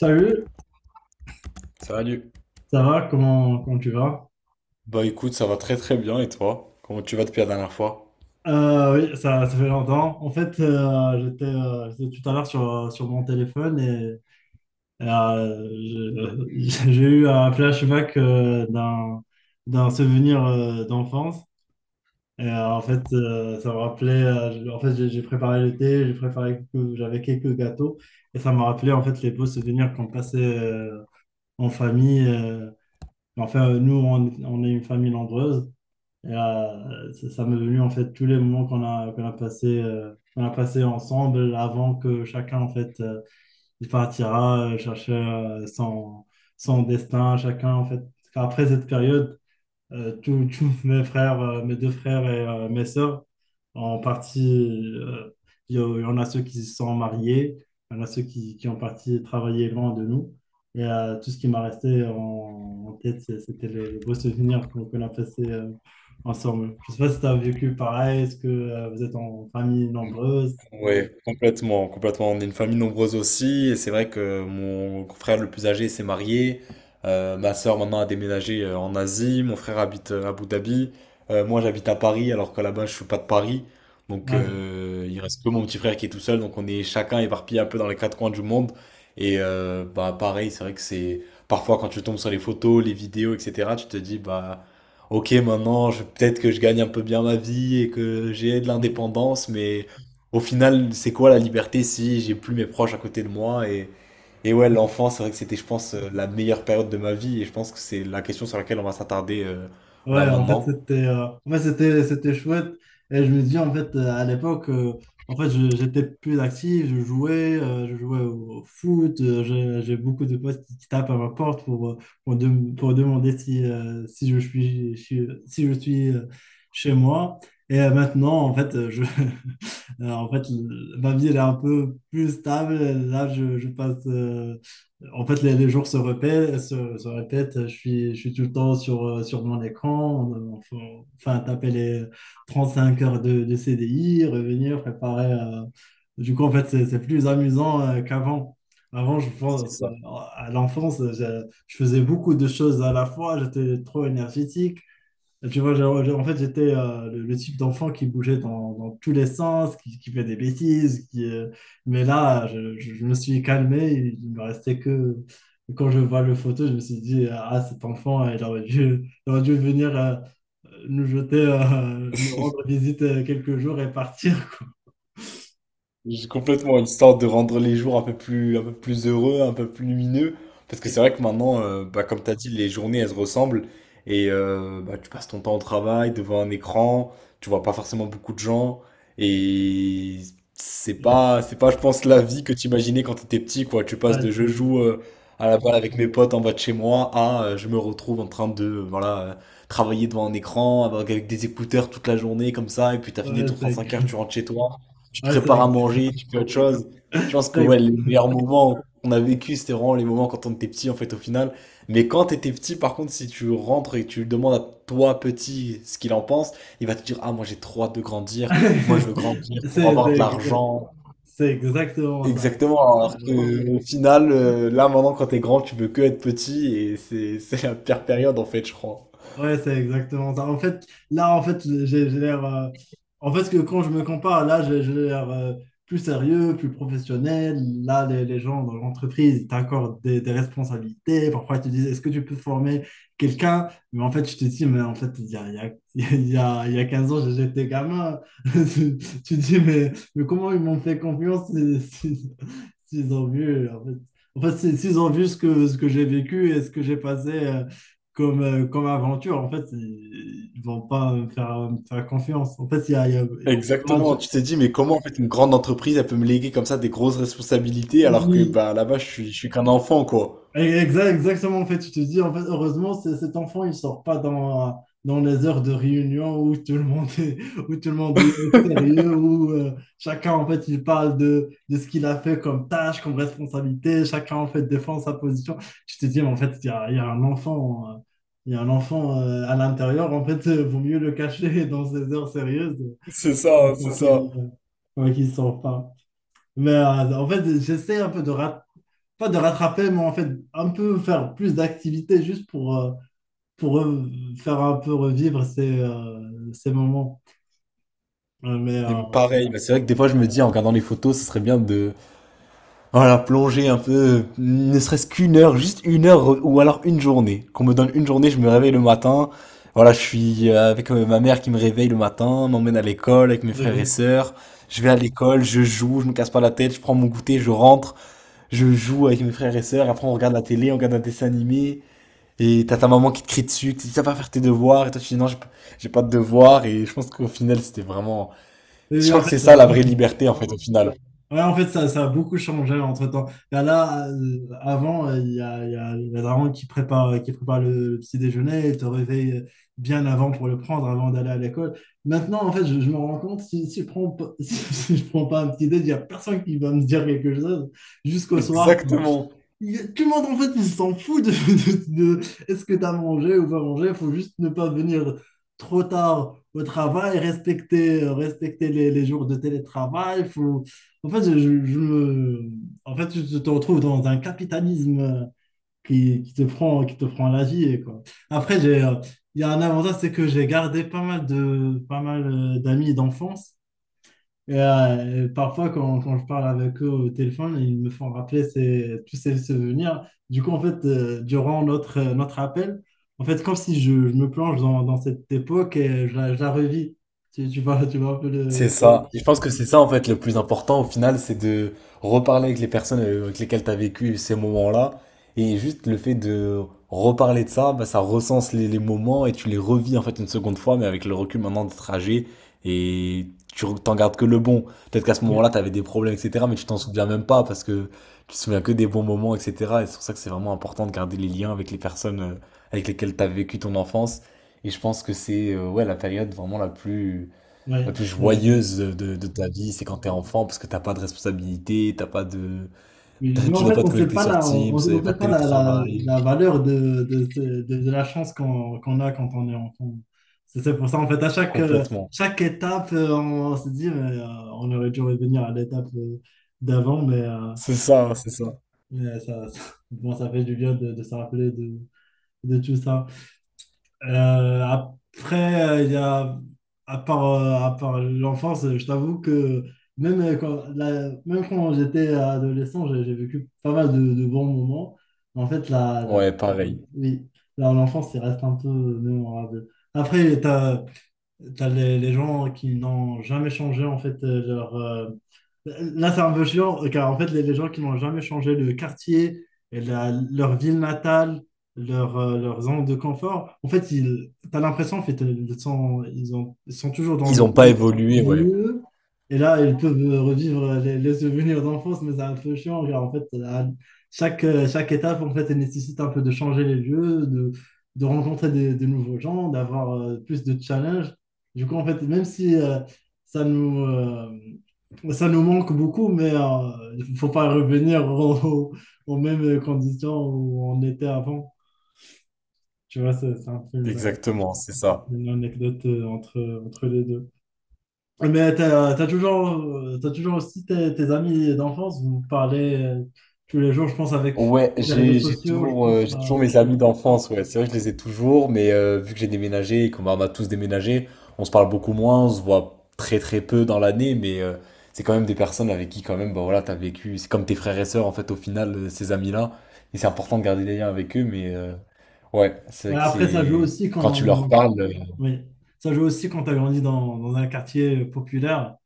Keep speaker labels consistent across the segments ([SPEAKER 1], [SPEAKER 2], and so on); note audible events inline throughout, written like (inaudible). [SPEAKER 1] Salut,
[SPEAKER 2] Salut.
[SPEAKER 1] ça va? Comment tu vas?
[SPEAKER 2] Bah écoute, ça va très très bien et toi? Comment tu vas depuis la dernière fois?
[SPEAKER 1] Oui, ça fait longtemps. En fait, j'étais tout à l'heure sur, sur mon téléphone et j'ai (laughs) j'ai eu un flashback d'un souvenir d'enfance. Et en fait, ça me rappelait. En fait, j'ai préparé le thé, j'avais quelques gâteaux, et ça me rappelait en fait les beaux souvenirs qu'on passait en famille. Enfin, nous, on est une famille nombreuse. Et, ça m'est venu en fait tous les moments qu'on a passé ensemble avant que chacun en fait il partira chercher son destin. Chacun en fait, enfin, après cette période, tous (laughs) tous mes frères, mes deux frères et mes sœurs, en partie, euh, il y en a ceux qui se sont mariés, il y en a ceux qui ont parti travailler loin de nous. Et tout ce qui m'a resté en tête, c'était les beaux souvenirs qu'on a passés ensemble. Je ne sais pas si tu as vécu pareil. Est-ce que vous êtes en famille nombreuse?
[SPEAKER 2] Oui, complètement, complètement. On est une famille nombreuse aussi, et c'est vrai que mon frère le plus âgé s'est marié. Ma sœur maintenant a déménagé en Asie. Mon frère habite à Abu Dhabi. Moi, j'habite à Paris, alors que là-bas, je suis pas de Paris. Donc,
[SPEAKER 1] Ah,
[SPEAKER 2] il reste que mon petit frère qui est tout seul. Donc, on est chacun éparpillé un peu dans les quatre coins du monde. Et bah, pareil, c'est vrai que c'est parfois quand tu tombes sur les photos, les vidéos, etc. Tu te dis bah Ok, maintenant, peut-être que je gagne un peu bien ma vie et que j'ai de
[SPEAKER 1] je-
[SPEAKER 2] l'indépendance, mais au final, c'est quoi la liberté si j'ai plus mes proches à côté de moi et ouais, l'enfant, c'est vrai que c'était, je pense, la meilleure période de ma vie et je pense que c'est la question sur laquelle on va s'attarder là
[SPEAKER 1] ouais, en fait,
[SPEAKER 2] maintenant.
[SPEAKER 1] c'était en fait, c'était chouette. Et je me dis, en fait, à l'époque, en fait, j'étais plus actif, je jouais au foot. J'ai beaucoup de potes qui tapent à ma porte pour, pour demander si, si je suis chez moi. Et maintenant, en fait, (laughs) en fait, ma vie, elle est un peu plus stable. Là, je passe. En fait, les jours se répètent, se répètent. Je suis tout le temps sur, sur mon écran. Enfin, taper les 35 heures de CDI, revenir, préparer. Du coup, en fait, c'est plus amusant qu'avant. Avant, je
[SPEAKER 2] C'est
[SPEAKER 1] pense,
[SPEAKER 2] ça.
[SPEAKER 1] à l'enfance, je faisais beaucoup de choses à la fois. J'étais trop énergétique. Tu vois, en fait, j'étais le type d'enfant qui bougeait dans tous les sens, qui fait des bêtises, qui, mais là, je me suis calmé, il me restait que... Quand je vois le photo, je me suis dit, ah, cet enfant, il aurait dû venir nous jeter, (laughs) nous rendre visite quelques jours et partir.
[SPEAKER 2] J'ai complètement, histoire de rendre les jours un peu plus heureux, un peu plus lumineux. Parce que c'est vrai que maintenant, bah, comme tu as dit, les journées, elles se ressemblent. Et bah, tu passes ton temps au travail, devant un écran, tu vois pas forcément beaucoup de gens. Et
[SPEAKER 1] (laughs)
[SPEAKER 2] c'est pas, je pense, la vie que tu imaginais quand tu étais petit, quoi. Tu
[SPEAKER 1] Ouais,
[SPEAKER 2] passes de je joue à la balle avec mes potes en bas de chez moi à je me retrouve en train de, voilà, travailler devant un écran, avec des écouteurs toute la journée, comme ça. Et puis tu as fini
[SPEAKER 1] ouais,
[SPEAKER 2] ton
[SPEAKER 1] c'est-
[SPEAKER 2] 35 heures, tu rentres chez toi, tu
[SPEAKER 1] ouais, c'est
[SPEAKER 2] prépares à
[SPEAKER 1] ex-
[SPEAKER 2] manger, tu fais autre chose. Je pense
[SPEAKER 1] c'est
[SPEAKER 2] que
[SPEAKER 1] ex-
[SPEAKER 2] ouais, les meilleurs moments qu'on a vécu, c'était vraiment les moments quand on était petit, en fait, au final. Mais quand t'étais petit, par contre, si tu rentres et que tu lui demandes à toi, petit, ce qu'il en pense, il va te dire, ah, moi, j'ai trop hâte de grandir. Moi, je veux
[SPEAKER 1] (laughs)
[SPEAKER 2] grandir pour
[SPEAKER 1] c'est-
[SPEAKER 2] avoir
[SPEAKER 1] c'est
[SPEAKER 2] de
[SPEAKER 1] ex-
[SPEAKER 2] l'argent.
[SPEAKER 1] c'est exactement ça.
[SPEAKER 2] Exactement. Alors que, au final, là, maintenant, quand t'es grand, tu veux que être petit et c'est, (laughs) c'est la pire
[SPEAKER 1] Ouais.
[SPEAKER 2] période, en fait, je crois.
[SPEAKER 1] Ouais, c'est exactement ça. En fait, là, en fait, j'ai l'air. En fait, que quand je me compare, là, j'ai l'air plus sérieux, plus professionnel. Là, les gens dans l'entreprise, ils t'accordent des responsabilités. Parfois, ils te disent, est-ce que tu peux former quelqu'un? Mais en fait, je te dis, mais en fait, (laughs) il y a 15 ans, j'étais gamin. (laughs) Tu, tu dis, mais comment ils m'ont fait confiance s'ils ont vu, en fait, s'ils ont vu ce que j'ai vécu et ce que j'ai passé. Comme, comme aventure, en fait, ils ne vont pas me faire confiance. En fait, il y a pas-
[SPEAKER 2] Exactement, tu t'es dit, mais comment en fait une grande entreprise elle peut me léguer comme ça des grosses responsabilités alors que
[SPEAKER 1] oui.
[SPEAKER 2] bah là-bas je suis qu'un enfant quoi.
[SPEAKER 1] Exactement, en fait, tu te dis, en fait, heureusement, cet enfant, il sort pas dans, dans les heures de réunion où tout le monde est, (laughs) où tout le monde est sérieux, où chacun, en fait, il parle de ce qu'il a fait comme tâche, comme responsabilité, chacun, en fait, défend sa position. Tu te dis, mais en fait, il y a un enfant, à l'intérieur, en fait, vaut mieux le cacher (laughs) dans ces heures sérieuses.
[SPEAKER 2] C'est ça,
[SPEAKER 1] Pour
[SPEAKER 2] c'est ça.
[SPEAKER 1] qu'il pour qu'il s'en Mais en fait, j'essaie un peu de rat- pas de rattraper, mais en fait, un peu faire plus d'activités juste pour faire un peu revivre ces, ces moments. Mais,
[SPEAKER 2] Et pareil,
[SPEAKER 1] voilà.
[SPEAKER 2] bah, c'est vrai que des fois je me dis en regardant les photos, ce serait bien de voilà, plonger un peu, ne serait-ce qu'une heure, juste une heure ou alors une journée. Qu'on me donne une journée, je me réveille le matin. Voilà, je suis avec ma mère qui me réveille le matin, m'emmène à l'école avec mes
[SPEAKER 1] Mais,
[SPEAKER 2] frères et
[SPEAKER 1] oui.
[SPEAKER 2] sœurs. Je vais à l'école, je joue, je me casse pas la tête, je prends mon goûter, je rentre. Je joue avec mes frères et sœurs, après on regarde la télé, on regarde un dessin animé, et t'as ta
[SPEAKER 1] Mais
[SPEAKER 2] maman qui te crie dessus, qui te dit ça va faire tes devoirs, et toi tu dis non, j'ai pas de devoirs, et je pense qu'au final c'était vraiment.
[SPEAKER 1] oui,
[SPEAKER 2] Je
[SPEAKER 1] oui,
[SPEAKER 2] crois
[SPEAKER 1] en
[SPEAKER 2] que
[SPEAKER 1] fait,
[SPEAKER 2] c'est ça
[SPEAKER 1] ça.
[SPEAKER 2] la vraie liberté en fait, au final.
[SPEAKER 1] Ouais, en fait, ça a beaucoup changé entre-temps. Là, avant, il y a la daronne qui prépare le petit déjeuner, et te réveille bien avant pour le prendre, avant d'aller à l'école. Maintenant, en fait, je me rends compte, si, si je prends, pas- (laughs) si, je prends pas un petit déj, il n'y a personne qui va me dire quelque chose jusqu'au soir. Bah,
[SPEAKER 2] Exactement.
[SPEAKER 1] y tout le monde, en fait, il s'en fout de, est-ce que tu as mangé ou pas mangé. Il faut juste ne pas venir trop tard au travail, respecter les jours de télétravail. Faut... En fait, je me... en fait, tu te retrouves dans un capitalisme qui, qui te prend la vie, et quoi. Après, il y a un avantage, c'est que j'ai gardé pas mal d'amis d'enfance. Et, parfois, quand je parle avec eux au téléphone, ils me font rappeler tous ces souvenirs. Du coup, en fait, durant notre appel, en fait, comme si je me plonge dans cette époque et je la revis. Tu vois un peu
[SPEAKER 2] C'est
[SPEAKER 1] le...
[SPEAKER 2] ça. Et je pense que c'est ça, en fait, le plus important au final, c'est de reparler avec les personnes avec lesquelles tu as vécu ces moments-là. Et juste le fait de reparler de ça, bah, ça recense les moments et tu les revis, en fait, une seconde fois, mais avec le recul maintenant des trajets. Et t'en gardes que le bon. Peut-être qu'à ce moment-là,
[SPEAKER 1] oui,
[SPEAKER 2] tu avais des problèmes, etc. Mais tu t'en souviens même pas parce que tu te souviens que des bons moments, etc. Et c'est pour ça que c'est vraiment important de garder les liens avec les personnes avec lesquelles tu as vécu ton enfance. Et je pense que c'est ouais, la période vraiment la plus
[SPEAKER 1] oui.
[SPEAKER 2] joyeuse de ta vie, c'est quand t'es enfant, parce que t'as pas de responsabilité, t'as pas de... (laughs)
[SPEAKER 1] Oui, mais
[SPEAKER 2] t'as-
[SPEAKER 1] nous,
[SPEAKER 2] tu
[SPEAKER 1] en
[SPEAKER 2] dois
[SPEAKER 1] fait,
[SPEAKER 2] pas
[SPEAKER 1] on
[SPEAKER 2] te
[SPEAKER 1] ne sait
[SPEAKER 2] connecter
[SPEAKER 1] pas
[SPEAKER 2] sur
[SPEAKER 1] la, on,
[SPEAKER 2] Teams, y a
[SPEAKER 1] on
[SPEAKER 2] pas
[SPEAKER 1] sait
[SPEAKER 2] de
[SPEAKER 1] pas la, la,
[SPEAKER 2] télétravail,
[SPEAKER 1] la valeur de, de la chance qu'on a quand on est enfant. C'est pour ça, en fait,
[SPEAKER 2] complètement.
[SPEAKER 1] chaque étape, on se dit, mais, on aurait dû revenir à l'étape d'avant, mais, euh,
[SPEAKER 2] C'est ça, c'est ça.
[SPEAKER 1] mais (laughs) bon, ça fait du bien de se rappeler de tout ça. Après, à part, à part l'enfance, je t'avoue que même quand, même quand j'étais adolescent, j'ai vécu pas mal de bons moments. En fait,
[SPEAKER 2] Ouais, pareil.
[SPEAKER 1] oui, l'enfance, il reste un peu mémorable. Après, t'as les gens qui n'ont jamais changé en fait leur. Là, c'est un peu chiant, car en fait, les gens qui n'ont jamais changé le quartier, et leur ville natale, leur zone de confort, en fait, ils, t'as l'impression en fait, ils sont toujours dans
[SPEAKER 2] Ils
[SPEAKER 1] le
[SPEAKER 2] ont pas
[SPEAKER 1] même
[SPEAKER 2] évolué, ouais.
[SPEAKER 1] lieu. Et là, ils peuvent revivre les souvenirs d'enfance, mais c'est un peu chiant, car en fait, chaque étape, en fait, elle nécessite un peu de changer les lieux, de rencontrer des nouveaux gens, d'avoir plus de challenges. Du coup, en fait, même si ça nous, euh, ça nous manque beaucoup, mais il faut pas revenir (laughs) aux mêmes conditions où on était avant. Tu vois, c'est un peu une,
[SPEAKER 2] Exactement, c'est ça.
[SPEAKER 1] une anecdote entre les deux. Mais t'as toujours aussi tes amis d'enfance, vous parlez tous les jours, je pense, avec,
[SPEAKER 2] Ouais,
[SPEAKER 1] avec les réseaux
[SPEAKER 2] j'ai
[SPEAKER 1] sociaux, je
[SPEAKER 2] toujours
[SPEAKER 1] pense.
[SPEAKER 2] j'ai
[SPEAKER 1] Ça
[SPEAKER 2] toujours mes
[SPEAKER 1] ça- aide.
[SPEAKER 2] amis d'enfance, ouais. C'est vrai que je les ai toujours, mais vu que j'ai déménagé et on a tous déménagé, on se parle beaucoup moins, on se voit très très peu dans l'année, mais c'est quand même des personnes avec qui quand même bah voilà, t'as vécu, c'est comme tes frères et sœurs en fait au final ces amis-là, et c'est important de garder des liens avec eux, mais ouais, c'est vrai
[SPEAKER 1] Ouais,
[SPEAKER 2] que
[SPEAKER 1] après, ça joue
[SPEAKER 2] c'est
[SPEAKER 1] aussi
[SPEAKER 2] quand tu leur
[SPEAKER 1] quand
[SPEAKER 2] parles,
[SPEAKER 1] Oui, ça joue aussi quand tu as grandi dans un quartier populaire.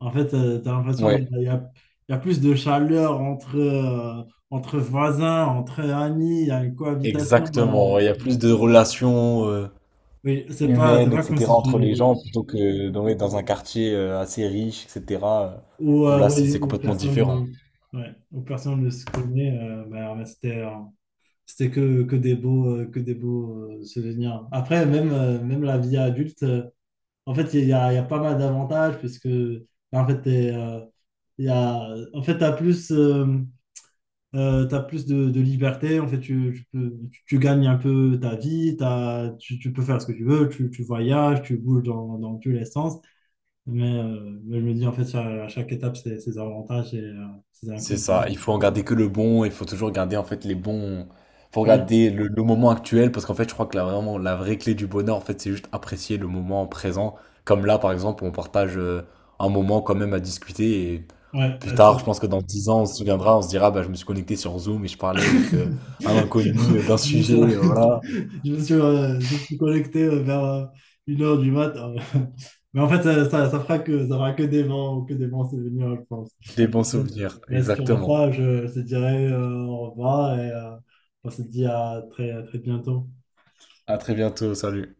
[SPEAKER 1] En fait, tu as l'impression qu'il
[SPEAKER 2] ouais,
[SPEAKER 1] y a, il y a- il y a plus de chaleur entre voisins, entre amis, il y a une cohabitation.
[SPEAKER 2] exactement, il y a
[SPEAKER 1] Euh,
[SPEAKER 2] plus de relations,
[SPEAKER 1] oui, c'est pas, c'est
[SPEAKER 2] humaine,
[SPEAKER 1] pas comme
[SPEAKER 2] etc.,
[SPEAKER 1] si
[SPEAKER 2] entre les
[SPEAKER 1] tu.
[SPEAKER 2] gens, plutôt que dans, ouais, dans un quartier assez riche, etc., euh, où là, c'est
[SPEAKER 1] Oui,
[SPEAKER 2] c'est
[SPEAKER 1] ou
[SPEAKER 2] complètement
[SPEAKER 1] personne
[SPEAKER 2] différent.
[SPEAKER 1] ne, ouais, ou personne ne se connaît. Bah, c'était que des beaux, souvenirs. Après, même la vie adulte. En fait, il y a pas mal d'avantages puisque en fait, t'es, il y a, en fait, t'as plus de liberté. En fait, tu gagnes un peu ta vie. Tu peux faire ce que tu veux. Tu voyages, tu bouges dans tous les sens. Mais je me dis, en fait, à chaque étape, c'est ses avantages et ses
[SPEAKER 2] C'est ça, il
[SPEAKER 1] inconvénients.
[SPEAKER 2] faut en garder que le bon, il faut toujours garder en fait les bons... Faut
[SPEAKER 1] Oui,
[SPEAKER 2] regarder le moment actuel, parce qu'en fait, je crois que la, vraiment, la vraie clé du bonheur, en fait, c'est juste apprécier le moment présent. Comme là, par exemple, on partage un moment quand même à discuter, et
[SPEAKER 1] ouais.
[SPEAKER 2] plus tard, je pense que dans 10 ans, on se souviendra, on se dira, bah, je me suis connecté sur Zoom et je parlais avec
[SPEAKER 1] (laughs)
[SPEAKER 2] un inconnu d'un
[SPEAKER 1] Je me suis,
[SPEAKER 2] sujet, voilà,
[SPEAKER 1] (laughs) je me suis connecté vers 1 h du matin. (laughs) Mais en fait, ça fera que des vents c'est souvenirs, je pense.
[SPEAKER 2] des bons
[SPEAKER 1] Mais,
[SPEAKER 2] souvenirs,
[SPEAKER 1] mais si on va
[SPEAKER 2] exactement.
[SPEAKER 1] pas, je te dirai au revoir et on se dit à très bientôt.
[SPEAKER 2] À très bientôt. Salut.